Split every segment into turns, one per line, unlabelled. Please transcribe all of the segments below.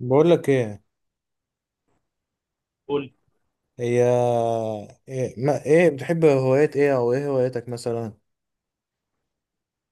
بقول لك ايه؟
قول.
هي ايه؟ ما ايه بتحب هوايات ايه او ايه هواياتك مثلا؟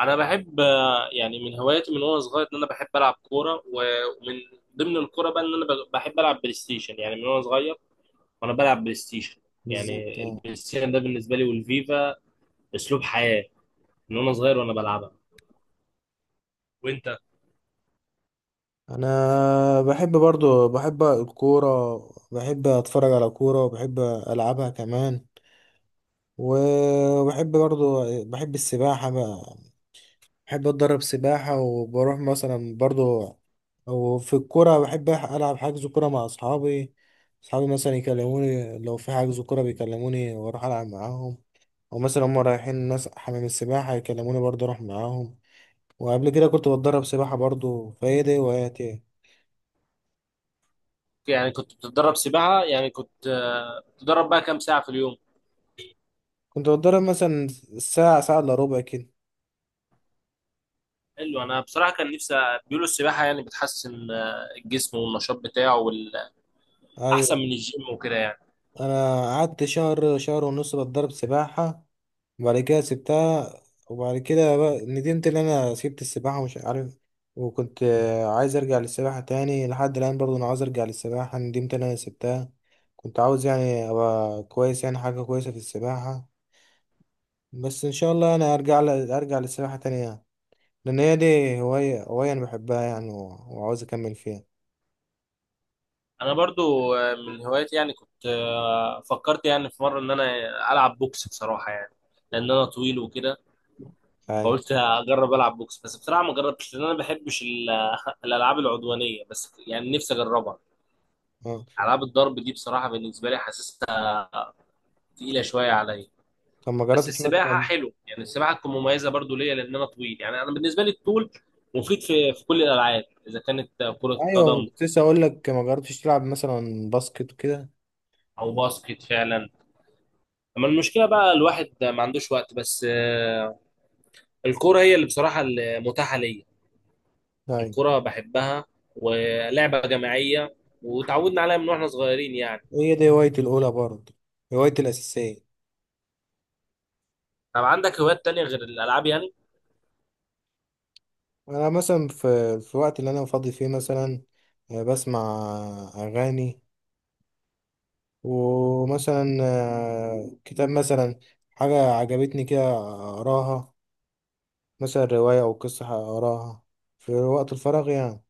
انا بحب يعني من هواياتي من وانا صغير ان انا بحب العب كوره ومن ضمن الكوره بقى ان انا بحب العب بلاي ستيشن يعني من وانا صغير وانا بلعب بلاي ستيشن.
بالظبط،
يعني
اه.
البلاي ستيشن ده بالنسبه لي والفيفا اسلوب حياه، من وانا صغير وانا بلعبها. وانت؟
انا بحب، برضو بحب الكوره، بحب اتفرج على كوره، وبحب العبها كمان. وبحب برضو، بحب السباحه بقى، بحب اتدرب سباحة وبروح مثلا برضو. وفي الكورة بحب ألعب حجز كورة مع أصحابي. مثلا يكلموني لو في حجز كورة بيكلموني وأروح ألعب معاهم. أو مثلا هما رايحين ناس حمام السباحة يكلموني برضه أروح معاهم. وقبل كده كنت بتدرب سباحة برضه، فهي دي هواياتي.
يعني كنت بتتدرب سباحه، يعني كنت بتتدرب بقى كام ساعه في اليوم؟
كنت بتدرب مثلا ساعة، ساعة إلا ربع كده.
حلو. انا بصراحه كان نفسي، بيقولوا السباحه يعني بتحسن الجسم والنشاط بتاعه احسن
أيوة.
من الجيم وكده يعني.
أنا قعدت شهر، شهر ونص بتدرب سباحة وبعد كده سبتها. وبعد كده بقى ندمت ان انا سبت السباحة ومش عارف. وكنت عايز ارجع للسباحة تاني. لحد الان برضو انا عاوز ارجع للسباحة، ندمت ان انا سبتها. كنت عاوز يعني ابقى كويس يعني حاجة كويسة في السباحة. بس ان شاء الله انا ارجع للسباحة تاني يعني. لان هي دي هواية انا بحبها يعني وعاوز اكمل فيها.
انا برضو من هواياتي، يعني كنت فكرت يعني في مره ان انا العب بوكس بصراحه يعني، لان انا طويل وكده،
ايوه.
فقلت اجرب العب بوكس. بس بصراحه ما جربتش لان انا ما بحبش الالعاب العدوانيه، بس يعني نفسي اجربها.
اه.
العاب الضرب دي بصراحه بالنسبه لي حاسسها تقيله شويه عليا.
طب ما
بس
جربتش
السباحه
مثلا؟
حلو، يعني السباحه تكون مميزه برضو ليا لان انا طويل، يعني انا بالنسبه لي الطول مفيد في كل الالعاب اذا كانت كره
ايوه،
قدم
كنت لسه اقول لك، ما جربتش تلعب مثلا باسكت وكده؟
او باسكت فعلا. اما المشكله بقى الواحد ما عندوش وقت، بس الكورة هي اللي بصراحة المتاحة ليا.
ايوه،
الكورة بحبها ولعبة جماعية، وتعودنا عليها من واحنا صغيرين يعني.
هي دي هوايتي الأولى برضه، هوايتي الأساسية.
طب عندك هوايات تانية غير الألعاب يعني؟
أنا مثلا في الوقت اللي أنا فاضي فيه مثلا بسمع أغاني. ومثلا كتاب مثلا، حاجة عجبتني كده أقراها. مثلا رواية أو قصة أقراها في وقت الفراغ يعني.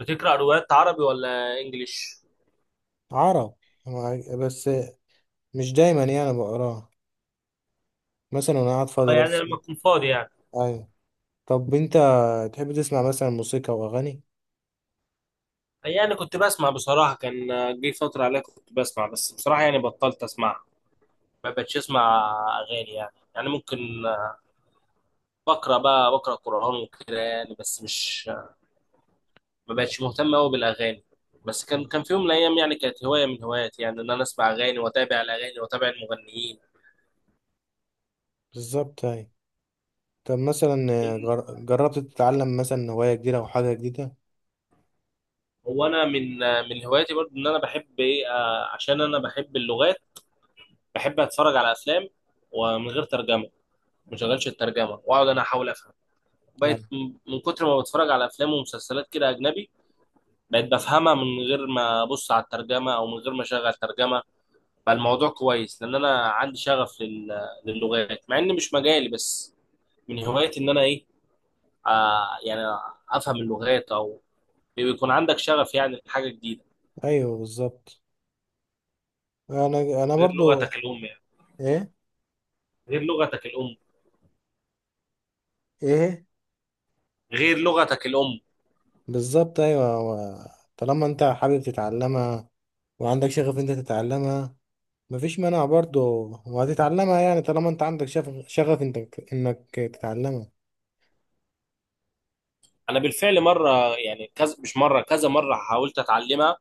بتقرأ روايات عربي ولا إنجليش؟
عرب، بس مش دايما يعني بقراها، مثلا وأنا قاعد
اه،
فاضي
يعني
بس.
لما تكون فاضي يعني.
أيوة. طب أنت تحب تسمع مثلا موسيقى وأغاني؟
يعني كنت بسمع بصراحة، كان جه فترة عليها كنت بسمع، بس بصراحة يعني بطلت أسمع، ما بقتش أسمع أغاني يعني ممكن بقرأ بقى، بقرأ قرآن وكده يعني، بس مش ما بقتش مهتم قوي بالاغاني. بس كان في يوم من الايام يعني كانت هوايه من هواياتي يعني ان انا اسمع اغاني واتابع الاغاني واتابع المغنيين.
بالظبط، أيوة. طب مثلا جربت تتعلم مثلا هواية جديدة أو حاجة جديدة؟
هو انا من هواياتي برضو ان انا بحب ايه عشان انا بحب اللغات. بحب اتفرج على افلام ومن غير ترجمه، ما شغلش الترجمه واقعد انا احاول افهم. بقيت
يعني
من كتر ما بتفرج على افلام ومسلسلات كده اجنبي، بقيت بفهمها من غير ما ابص على الترجمه او من غير ما اشغل ترجمه. بقى الموضوع كويس لان انا عندي شغف للغات، مع ان مش مجالي، بس من هوايتي ان انا ايه، آه يعني افهم اللغات. او بيكون عندك شغف يعني لحاجه جديده
أيوه بالظبط. أنا
غير
برضو.
لغتك الام يعني.
إيه.
غير لغتك الام.
إيه.
غير لغتك الام.
بالظبط، أيوه. هو طالما أنت حابب تتعلمها وعندك شغف، أنت تتعلمها، مفيش مانع برضو. وهتتعلمها يعني طالما أنت عندك شغف، أنت إنك تتعلمها.
انا بالفعل مره، يعني كذا مش مره، كذا مره حاولت اتعلمها.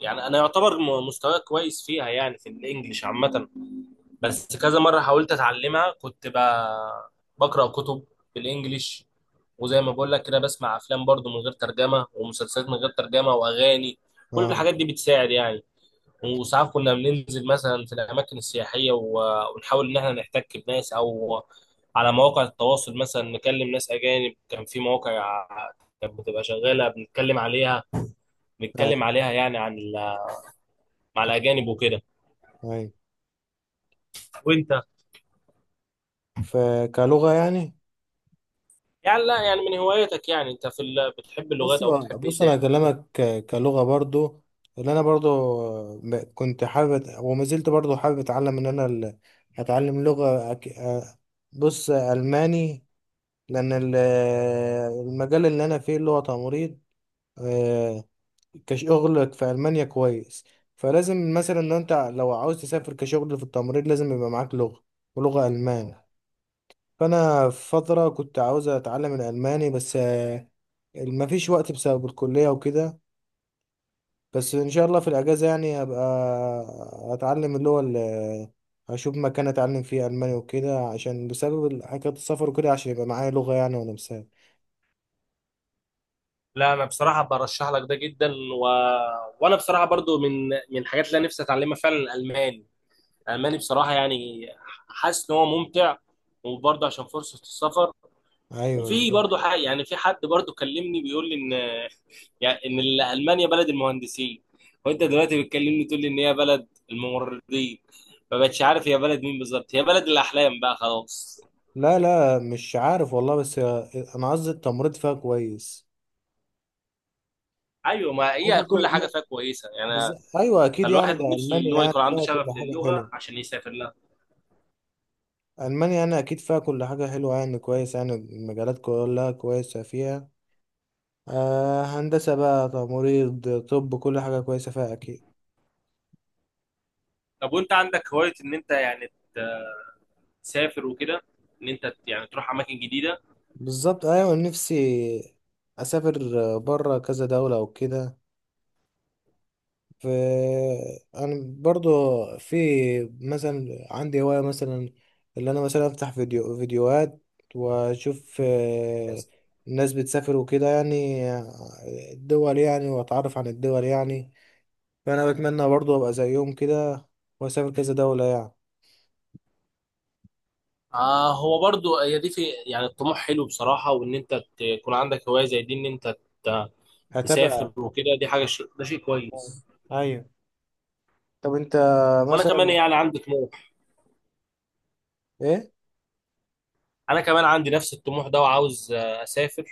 يعني انا يعتبر مستواي كويس فيها، يعني في الانجليش عامه. بس كذا مره حاولت اتعلمها، كنت بقرا كتب بالانجليش، وزي ما بقول لك كده بسمع افلام برضو من غير ترجمه، ومسلسلات من غير ترجمه، واغاني، كل
أه.
الحاجات دي بتساعد يعني. وساعات كنا بننزل مثلا في الأماكن السياحية، ونحاول إن إحنا نحتك بناس، أو على مواقع التواصل مثلا نكلم ناس أجانب. كان في مواقع كانت بتبقى شغالة بنتكلم عليها، بنتكلم
أيوه.
عليها يعني عن مع الأجانب وكده.
أيوه،
وأنت؟
فكلغة يعني.
يعني لا، يعني من هواياتك يعني أنت في بتحب اللغات
بص،
أو بتحب إيه
بص انا
تاني؟
هكلمك كلغه برضو اللي انا برضو، كنت حابب وما زلت برضو حابب اتعلم ان انا اتعلم لغه بص الماني. لان المجال اللي انا فيه اللي هو تمريض، آه، كشغل في المانيا كويس. فلازم مثلا لو انت، لو عاوز تسافر كشغل في التمريض لازم يبقى معاك لغه، ولغه المان. فانا في فتره كنت عاوز اتعلم الالماني بس ما فيش وقت بسبب الكليه وكده. بس ان شاء الله في الاجازه يعني هبقى اتعلم، اللي هو اللي هشوف مكان اتعلم فيه الماني وكده، عشان بسبب حكايه السفر وكده، عشان يبقى معايا لغه يعني وانا مسافر.
لا أنا بصراحة برشح لك ده جدا وأنا بصراحة برضو من الحاجات اللي أنا نفسي أتعلمها فعلا الألماني. ألماني بصراحة يعني حاسس إن هو ممتع، وبرضه عشان فرصة السفر.
ايوه،
وفي
بالظبط.
برضه حق يعني، في حد برضه كلمني بيقول لي إن، يعني إن ألمانيا بلد المهندسين، وأنت دلوقتي بتكلمني تقول لي إن هي بلد الممرضين. ما بقتش عارف هي بلد مين بالظبط، هي بلد الأحلام بقى خلاص.
لا لا، مش عارف والله، بس انا قصدي التمريض فيها كويس.
أيوه، ما
ممكن
هي كل حاجة
يكون-
فيها كويسة يعني.
ايوه اكيد
فالواحد
يعني، ده
نفسه إن
المانيا
هو
يعني
يكون عنده
فيها كل
شغف
حاجه
للغة
حلوه.
عشان يسافر لها.
المانيا انا اكيد فيها كل حاجه حلوه يعني، كويس يعني المجالات كلها كويسه فيها. آه، هندسه بقى، تمريض، طب، كل حاجه كويسه فيها اكيد.
طب وأنت عندك هواية إن أنت يعني تسافر وكده، إن أنت يعني تروح أماكن جديدة.
بالظبط، ايوه، نفسي اسافر بره كذا دوله وكده. ف انا برضو في، مثلا عندي هوايه مثلا، اللي انا مثلا افتح فيديوهات واشوف الناس بتسافر وكده يعني، الدول يعني، واتعرف عن الدول يعني. فانا بتمنى برضو ابقى زيهم كده واسافر كذا دوله يعني.
آه، هو برضو هي دي، في يعني الطموح حلو بصراحة، وإن أنت تكون عندك هواية زي دي، إن أنت ت-
هتابع.
تسافر وكده، ده شيء كويس.
ايوه. طب انت
وأنا كمان
مثلا
يعني عندي طموح،
ايه؟
أنا كمان عندي نفس الطموح ده وعاوز أسافر،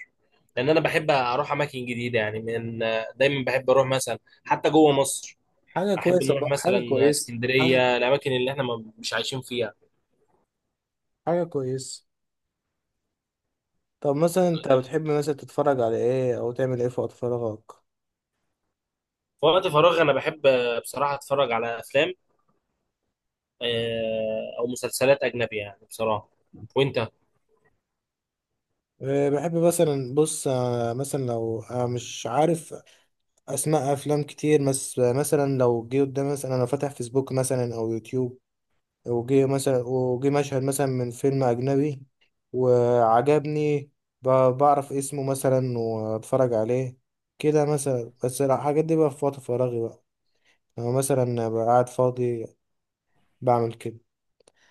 لأن أنا بحب أروح أماكن جديدة يعني، من دايما بحب أروح مثلا حتى جوه مصر.
حاجه
أحب
كويسه
نروح
بقى، حاجه
مثلا
كويسه،
اسكندرية، الأماكن اللي إحنا مش عايشين فيها.
حاجة كويس. طب مثلا انت بتحب مثلا تتفرج على ايه او تعمل ايه في وقت فراغك؟
في وقت فراغي أنا بحب بصراحة أتفرج على أفلام، أو مسلسلات أجنبية يعني بصراحة. وأنت؟
أه، بحب مثلا، بص، أه، مثلا لو أنا مش عارف اسماء افلام كتير، بس مثلا لو جه قدامي مثلا انا فاتح فيسبوك مثلا او يوتيوب، وجه مثلا، وجه مشهد مثلا من فيلم اجنبي وعجبني، ب- بعرف اسمه مثلا واتفرج عليه كده مثلا. بس الحاجات دي بقى في وقت فراغي بقى، لو مثلا بقى قاعد فاضي بعمل كده.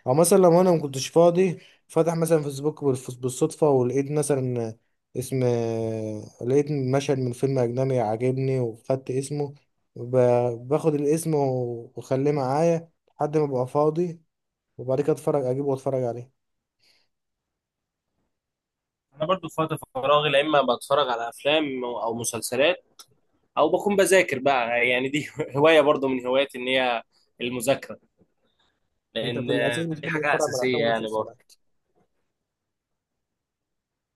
او مثلا لو انا ما كنتش فاضي، فاتح مثلا فيسبوك بالصدفه، ولقيت مثلا اسم، لقيت مشهد من فيلم اجنبي عاجبني وخدت اسمه، باخد الاسم واخليه معايا لحد ما ابقى فاضي، وبعد كده اتفرج، اجيبه واتفرج عليه.
انا برضو في وقت فراغي لا اما بتفرج على افلام او مسلسلات، او بكون بذاكر بقى، يعني دي هوايه برضو من هواياتي، ان هي المذاكره،
انت
لان
في الاساس
دي
بتحب
حاجه
تتفرج على
اساسيه
افلام
يعني برضو.
ومسلسلات؟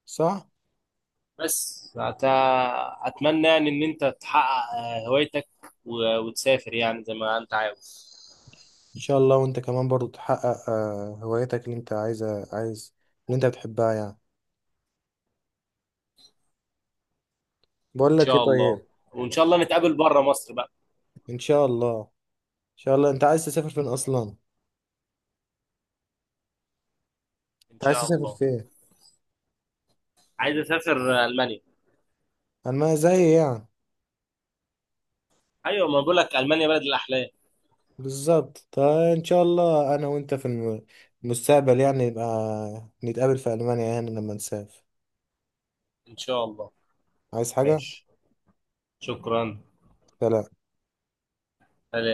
صح.
بس اتمنى يعني ان انت تحقق هوايتك وتسافر يعني زي ما انت عاوز.
ان شاء الله. وانت كمان برضو تحقق هوايتك اللي انت عايز اللي انت بتحبها يعني.
ان
بقول لك ايه
شاء الله،
طيب؟
وان شاء الله نتقابل بره مصر بقى.
ان شاء الله انت عايز تسافر فين اصلا؟
ان
انت عايز
شاء
تسافر
الله.
فين؟
عايز اسافر المانيا.
اما زي يعني.
ايوه، ما بقول لك المانيا بلد الاحلام.
بالظبط، فان شاء الله انا وانت في المستقبل يعني نبقى نتقابل في المانيا يعني لما نسافر.
ان شاء الله.
عايز حاجه؟
ماشي. شكرا.
سلام.